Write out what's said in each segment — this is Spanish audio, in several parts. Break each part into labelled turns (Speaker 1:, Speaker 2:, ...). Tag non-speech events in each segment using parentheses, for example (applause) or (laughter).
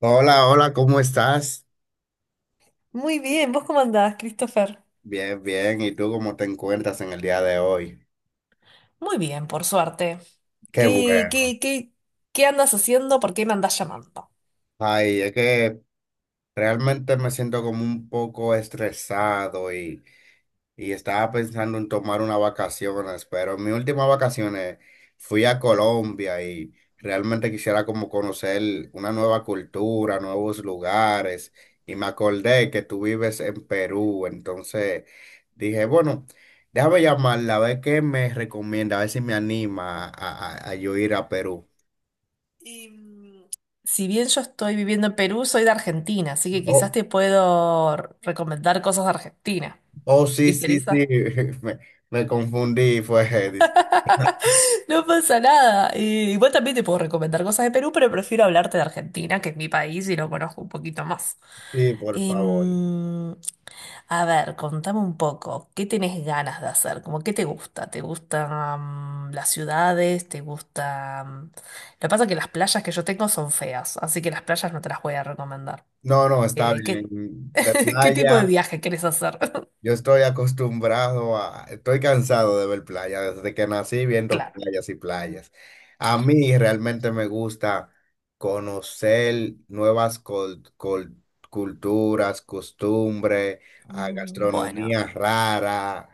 Speaker 1: Hola, hola, ¿cómo estás?
Speaker 2: Muy bien, ¿vos cómo andás, Christopher?
Speaker 1: Bien, bien. ¿Y tú cómo te encuentras en el día de hoy?
Speaker 2: Muy bien, por suerte.
Speaker 1: Qué
Speaker 2: ¿Qué,
Speaker 1: bueno.
Speaker 2: qué, qué, qué andas haciendo? ¿Por qué me andas llamando?
Speaker 1: Ay, es que realmente me siento como un poco estresado y estaba pensando en tomar unas vacaciones, pero en mis últimas vacaciones fui a Colombia y realmente quisiera como conocer una nueva cultura, nuevos lugares. Y me acordé que tú vives en Perú, entonces dije, bueno, déjame llamarla, a ver qué me recomienda, a ver si me anima a yo ir a Perú.
Speaker 2: Y, mm, Si bien yo estoy viviendo en Perú, soy de Argentina, así que quizás
Speaker 1: Oh,
Speaker 2: te puedo recomendar cosas de Argentina.
Speaker 1: oh,
Speaker 2: ¿Te
Speaker 1: sí, sí, sí,
Speaker 2: interesa?
Speaker 1: (laughs) me, me confundí,
Speaker 2: (laughs) No pasa nada. Igual también te puedo recomendar cosas de Perú, pero prefiero hablarte de Argentina, que es mi país y lo conozco un poquito más.
Speaker 1: (laughs) sí, por favor.
Speaker 2: Em, A ver, contame un poco, ¿qué tenés ganas de hacer? ¿Cómo ¿qué te gusta? ¿Te gustan las ciudades? ¿Te gustan? Lo que pasa es que las playas que yo tengo son feas, así que las playas no te las voy a recomendar.
Speaker 1: No, no, está
Speaker 2: Eh, ¿qué...
Speaker 1: bien. De
Speaker 2: (laughs) ¿Qué tipo de
Speaker 1: playa,
Speaker 2: viaje querés hacer? (laughs)
Speaker 1: yo estoy estoy cansado de ver playas, desde que nací viendo
Speaker 2: Claro.
Speaker 1: playas y playas. A mí realmente me gusta conocer nuevas culturas, costumbres, a
Speaker 2: Bueno.
Speaker 1: gastronomía rara.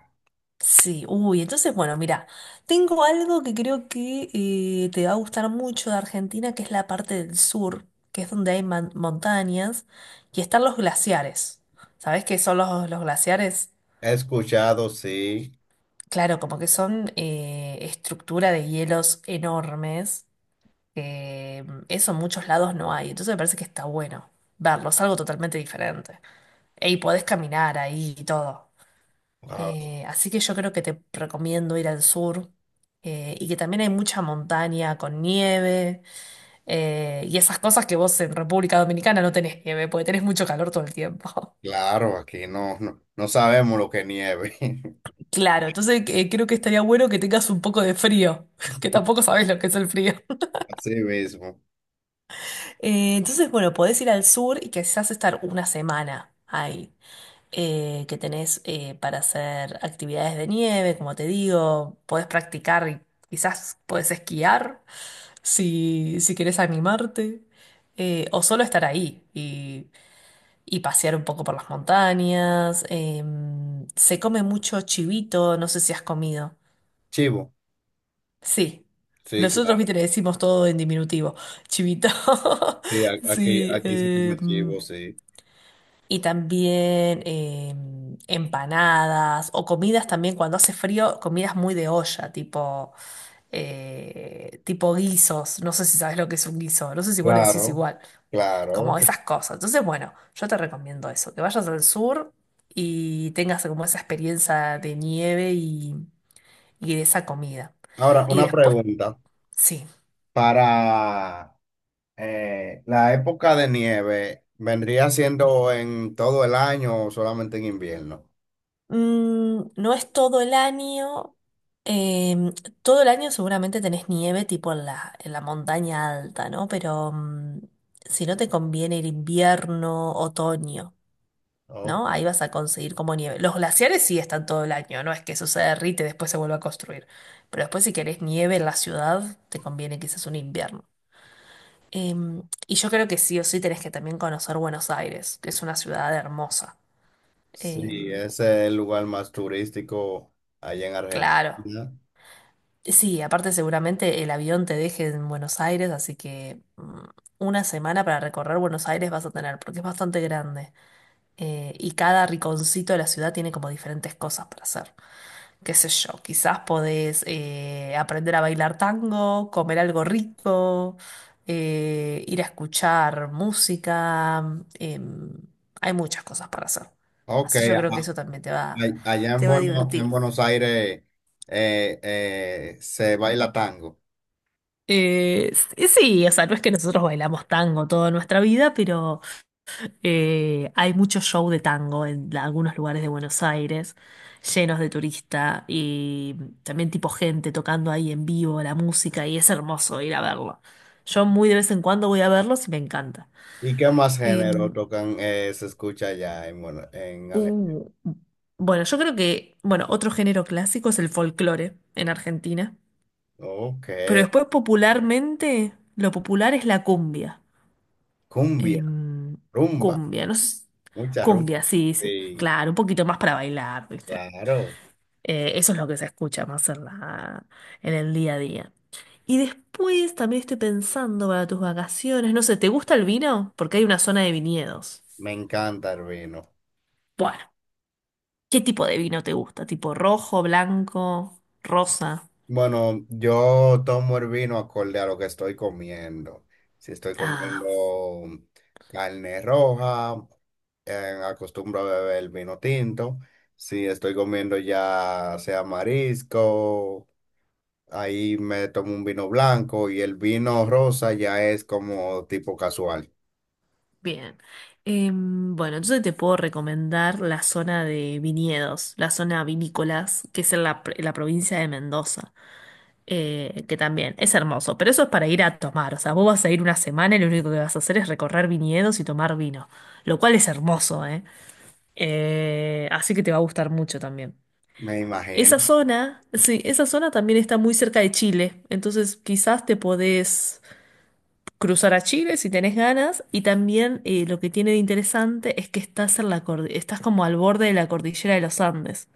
Speaker 2: Sí, uy, entonces, bueno, mira, tengo algo que creo que te va a gustar mucho de Argentina, que es la parte del sur, que es donde hay montañas y están los glaciares. ¿Sabés qué son los glaciares?
Speaker 1: He escuchado, sí,
Speaker 2: Claro, como que son estructura de hielos enormes, que eso en muchos lados no hay, entonces me parece que está bueno verlos, algo totalmente diferente. Y podés caminar ahí y todo.
Speaker 1: ah,
Speaker 2: Así que yo creo que te recomiendo ir al sur y que también hay mucha montaña con nieve y esas cosas que vos en República Dominicana no tenés nieve, porque tenés mucho calor todo el tiempo. (laughs)
Speaker 1: claro, aquí no, no, no sabemos lo que nieve. (laughs)
Speaker 2: Claro, entonces creo que estaría bueno que tengas un poco de frío, (laughs) que tampoco sabés lo que es el frío. (laughs)
Speaker 1: Así mismo.
Speaker 2: Entonces, bueno, podés ir al sur y quizás estar una semana ahí, que tenés para hacer actividades de nieve, como te digo, podés practicar y quizás podés esquiar. Si quieres animarte, o solo estar y pasear un poco por las montañas. Se come mucho chivito, no sé si has comido.
Speaker 1: Chivo,
Speaker 2: Sí,
Speaker 1: sí,
Speaker 2: nosotros,
Speaker 1: claro.
Speaker 2: viste, le decimos todo en diminutivo, chivito. (laughs)
Speaker 1: Sí, aquí,
Speaker 2: Sí,
Speaker 1: aquí se come chivo, sí.
Speaker 2: y también empanadas o comidas también cuando hace frío, comidas muy de olla, tipo guisos, no sé si sabes lo que es un guiso, no sé si vos le decís
Speaker 1: Claro,
Speaker 2: igual,
Speaker 1: claro.
Speaker 2: como esas cosas. Entonces, bueno, yo te recomiendo eso, que vayas al sur y tengas como esa experiencia de y de esa comida.
Speaker 1: Ahora,
Speaker 2: Y
Speaker 1: una
Speaker 2: después,
Speaker 1: pregunta.
Speaker 2: sí,
Speaker 1: Para la época de nieve, ¿vendría siendo en todo el año o solamente en invierno?
Speaker 2: no es todo el año. em, Todo el año seguramente tenés nieve tipo en en la montaña alta, ¿no? Pero si no te conviene el invierno, otoño.
Speaker 1: Oh,
Speaker 2: ¿No? Ahí vas a conseguir como nieve. Los glaciares sí están todo el año, no es que eso se derrite y después se vuelva a construir. Pero después si querés nieve en la ciudad, te conviene quizás un invierno. Y yo creo que sí o sí tenés que también conocer Buenos Aires, que es una ciudad hermosa.
Speaker 1: sí,
Speaker 2: Em,
Speaker 1: ese es el lugar más turístico allá en
Speaker 2: claro.
Speaker 1: Argentina.
Speaker 2: Sí, aparte seguramente el avión te deje en Buenos Aires, así que una semana para recorrer Buenos Aires vas a tener, porque es bastante grande. Y cada riconcito de la ciudad tiene como diferentes cosas para hacer. Qué sé yo, quizás podés aprender a bailar tango, comer algo rico, ir a escuchar música, em, hay muchas cosas para hacer.
Speaker 1: Ok,
Speaker 2: Así yo
Speaker 1: a-
Speaker 2: creo que eso también
Speaker 1: a- Allá en
Speaker 2: te va a divertir.
Speaker 1: Buenos Aires se baila tango.
Speaker 2: Sí, o sea, no es que nosotros bailamos tango toda nuestra vida. Hay mucho show de tango en algunos lugares de Buenos Aires, llenos de turista y también tipo gente tocando ahí en vivo la música y es hermoso ir a verlo. Yo muy de vez en cuando voy a verlos y me encanta.
Speaker 1: ¿Y qué más
Speaker 2: Em,
Speaker 1: género tocan, se escucha allá en, Argentina?
Speaker 2: uh, bueno, yo creo que, bueno, otro género clásico es el folclore en Argentina,
Speaker 1: Ok,
Speaker 2: pero después popularmente lo popular es la cumbia.
Speaker 1: cumbia,
Speaker 2: Em,
Speaker 1: rumba,
Speaker 2: Cumbia, no sé.
Speaker 1: mucha rumba.
Speaker 2: Cumbia, sí, sí.
Speaker 1: Sí.
Speaker 2: Claro, un poquito más para bailar, ¿viste?
Speaker 1: Claro,
Speaker 2: Eso es lo que se escucha más en en el día a día. Y después también estoy pensando para tus vacaciones, no sé, ¿te gusta el vino? Porque hay una zona de viñedos.
Speaker 1: me encanta el vino.
Speaker 2: Bueno, ¿qué tipo de vino te gusta? ¿Tipo rojo, blanco, rosa?
Speaker 1: Bueno, yo tomo el vino acorde a lo que estoy comiendo. Si estoy comiendo
Speaker 2: Ah,
Speaker 1: carne roja, acostumbro a beber vino tinto. Si estoy comiendo ya sea marisco, ahí me tomo un vino blanco y el vino rosa ya es como tipo casual.
Speaker 2: bien. Bueno, entonces te puedo recomendar la zona de viñedos, la zona vinícolas, que es en en la provincia de Mendoza. Que también es hermoso, pero eso es para ir a tomar, o sea, vos vas a ir una semana y lo único que vas a hacer es recorrer viñedos y tomar vino, lo cual es hermoso, ¿eh? Así que te va a gustar mucho también.
Speaker 1: Me
Speaker 2: Esa
Speaker 1: imagino.
Speaker 2: zona, sí, esa zona también está muy cerca de Chile, entonces quizás te podés cruzar a Chile si tenés ganas y también lo que tiene de interesante es que estás en la estás como al borde de la cordillera de los Andes,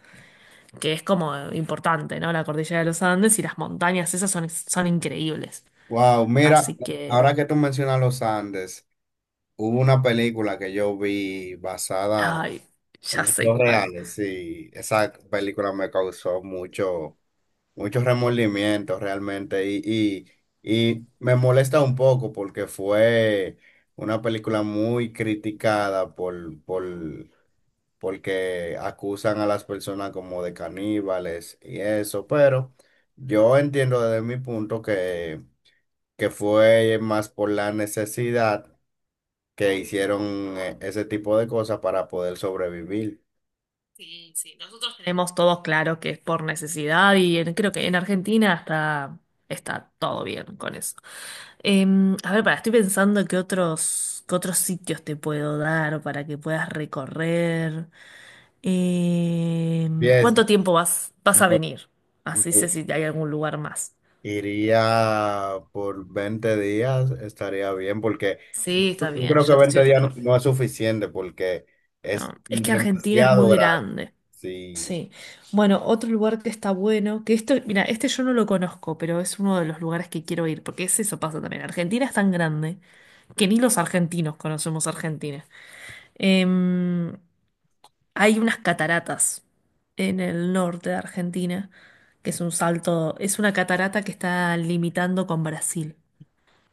Speaker 2: que es como importante, ¿no? La cordillera de los Andes y las montañas esas son increíbles.
Speaker 1: Wow, mira,
Speaker 2: Así que,
Speaker 1: ahora que tú mencionas los Andes. Hubo una película que yo vi basada
Speaker 2: ay, ya
Speaker 1: en
Speaker 2: sé
Speaker 1: hechos
Speaker 2: cuál.
Speaker 1: reales, sí, esa película me causó mucho, mucho remordimiento realmente y me molesta un poco porque fue una película muy criticada porque acusan a las personas como de caníbales y eso, pero yo entiendo desde mi punto que fue más por la necesidad que hicieron ese tipo de cosas para poder sobrevivir.
Speaker 2: Sí, sí, nosotros tenemos todos claro que es por necesidad y creo que en Argentina está todo bien con eso. A ver, para, estoy pensando qué qué otros sitios te puedo dar para que puedas recorrer.
Speaker 1: Fiesta.
Speaker 2: ¿Cuánto tiempo vas a venir? Así sé si hay algún lugar más.
Speaker 1: Iría por 20 días, estaría bien, porque yo
Speaker 2: Sí, está bien,
Speaker 1: creo que
Speaker 2: ya te estoy
Speaker 1: 20 días no,
Speaker 2: recorriendo.
Speaker 1: no es suficiente, porque es
Speaker 2: No, es que Argentina es
Speaker 1: demasiado
Speaker 2: muy
Speaker 1: grande.
Speaker 2: grande.
Speaker 1: Sí.
Speaker 2: Sí. Bueno, otro lugar que está bueno, que esto, mira, este yo no lo conozco, pero es uno de los lugares que quiero ir, porque es eso pasa también. Argentina es tan grande que ni los argentinos conocemos Argentina. Em, Hay unas cataratas en el norte de Argentina, que es un salto, es una catarata que está limitando con Brasil.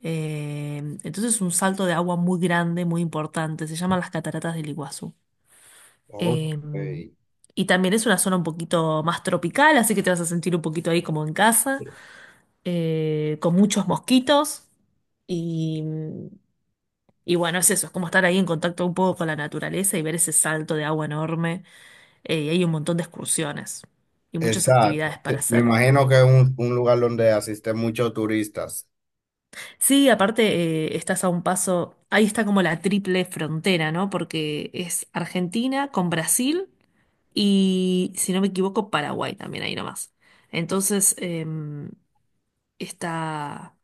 Speaker 2: Entonces es un salto de agua muy grande, muy importante. Se llaman las cataratas del Iguazú.
Speaker 1: Ok.
Speaker 2: Eh, y también es una zona un poquito más tropical, así que te vas a sentir un poquito ahí como en casa, con muchos mosquitos. Y, y bueno, es eso, es como estar ahí en contacto un poco con la naturaleza y ver ese salto de agua enorme. Y hay un montón de excursiones y muchas actividades
Speaker 1: Exacto.
Speaker 2: para
Speaker 1: Me
Speaker 2: hacer.
Speaker 1: imagino que es un lugar donde asisten muchos turistas.
Speaker 2: Sí, aparte, estás a un paso, ahí está como la triple frontera, ¿no? Porque es Argentina con Brasil. Y si no me equivoco, Paraguay también ahí nomás. Entonces, está,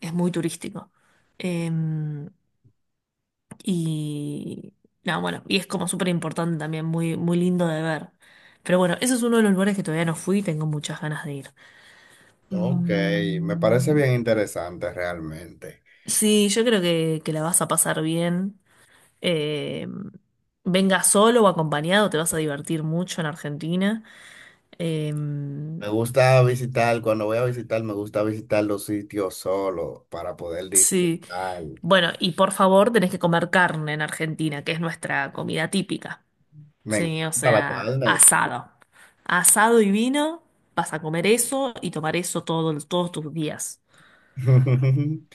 Speaker 2: es muy turístico. Em, y no, Bueno, y es como súper importante también, muy, muy lindo de ver. Pero bueno, ese es uno de los lugares que todavía no fui y tengo muchas ganas de ir.
Speaker 1: Ok, me parece
Speaker 2: Mm,
Speaker 1: bien interesante realmente.
Speaker 2: sí, yo creo que la vas a pasar bien. Em, Venga solo o acompañado, te vas a divertir mucho en Argentina. Em,
Speaker 1: Me gusta visitar, cuando voy a visitar, me gusta visitar los sitios solo para poder
Speaker 2: Sí,
Speaker 1: disfrutar.
Speaker 2: bueno, y por favor, tenés que comer carne en Argentina, que es nuestra comida típica.
Speaker 1: Me
Speaker 2: Sí, o
Speaker 1: encanta la
Speaker 2: sea,
Speaker 1: carne.
Speaker 2: asado. Asado y vino, vas a comer eso y tomar eso todos tus días.
Speaker 1: (laughs)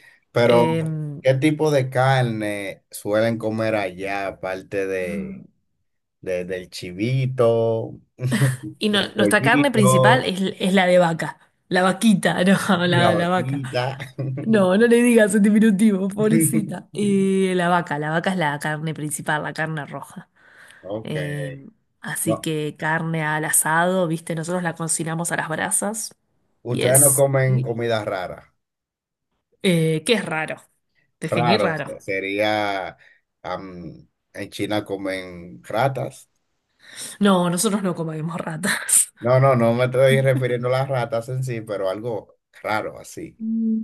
Speaker 2: Eh,
Speaker 1: Pero, ¿qué tipo de carne suelen comer allá, aparte del chivito, (laughs) del
Speaker 2: Nuestra carne principal
Speaker 1: pollito,
Speaker 2: es la de vaca. La vaquita, (laughs) no,
Speaker 1: la
Speaker 2: la vaca.
Speaker 1: vaquita?
Speaker 2: No, no le digas en diminutivo, pobrecita.
Speaker 1: (laughs)
Speaker 2: La vaca es la carne principal, la carne roja.
Speaker 1: Ok.
Speaker 2: Eh, Así
Speaker 1: No,
Speaker 2: que carne al asado, viste, nosotros la cocinamos a las brasas.
Speaker 1: ustedes no
Speaker 2: Yes.
Speaker 1: comen comida rara.
Speaker 2: ¿Qué es raro? Definir
Speaker 1: Raro, o sea,
Speaker 2: raro.
Speaker 1: sería am, en China comen ratas.
Speaker 2: No, nosotros no comemos ratas. (laughs)
Speaker 1: No, no, no me estoy refiriendo a las ratas en sí, pero algo raro así
Speaker 2: Mm.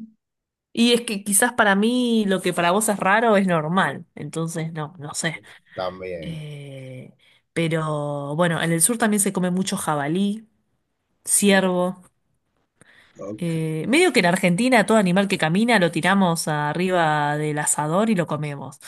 Speaker 2: Y es que quizás para mí lo que para vos es raro es normal, entonces no, no sé.
Speaker 1: también.
Speaker 2: Eh, pero bueno, en el sur también se come mucho jabalí, ciervo.
Speaker 1: Ok.
Speaker 2: Medio que en Argentina todo animal que camina lo tiramos arriba del asador y lo comemos.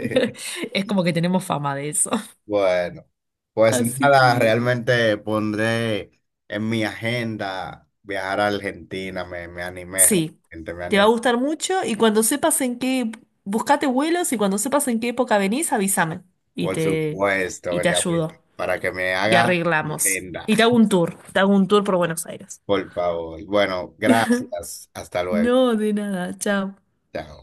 Speaker 2: (laughs) Es como que tenemos fama de eso.
Speaker 1: Bueno, pues
Speaker 2: Así
Speaker 1: nada,
Speaker 2: que
Speaker 1: realmente pondré en mi agenda viajar a Argentina, me animé,
Speaker 2: sí,
Speaker 1: realmente me
Speaker 2: te va a
Speaker 1: animé.
Speaker 2: gustar mucho y cuando sepas en qué, buscate vuelos y cuando sepas en qué época venís, avísame y
Speaker 1: Por
Speaker 2: te, y
Speaker 1: supuesto,
Speaker 2: te
Speaker 1: ya ves,
Speaker 2: ayudo
Speaker 1: para que me
Speaker 2: y
Speaker 1: haga
Speaker 2: arreglamos.
Speaker 1: agenda,
Speaker 2: Y te hago
Speaker 1: (laughs)
Speaker 2: un tour, te hago un tour por Buenos Aires.
Speaker 1: por favor. Bueno, gracias, hasta
Speaker 2: (laughs)
Speaker 1: luego.
Speaker 2: No, de nada, chao.
Speaker 1: Chao.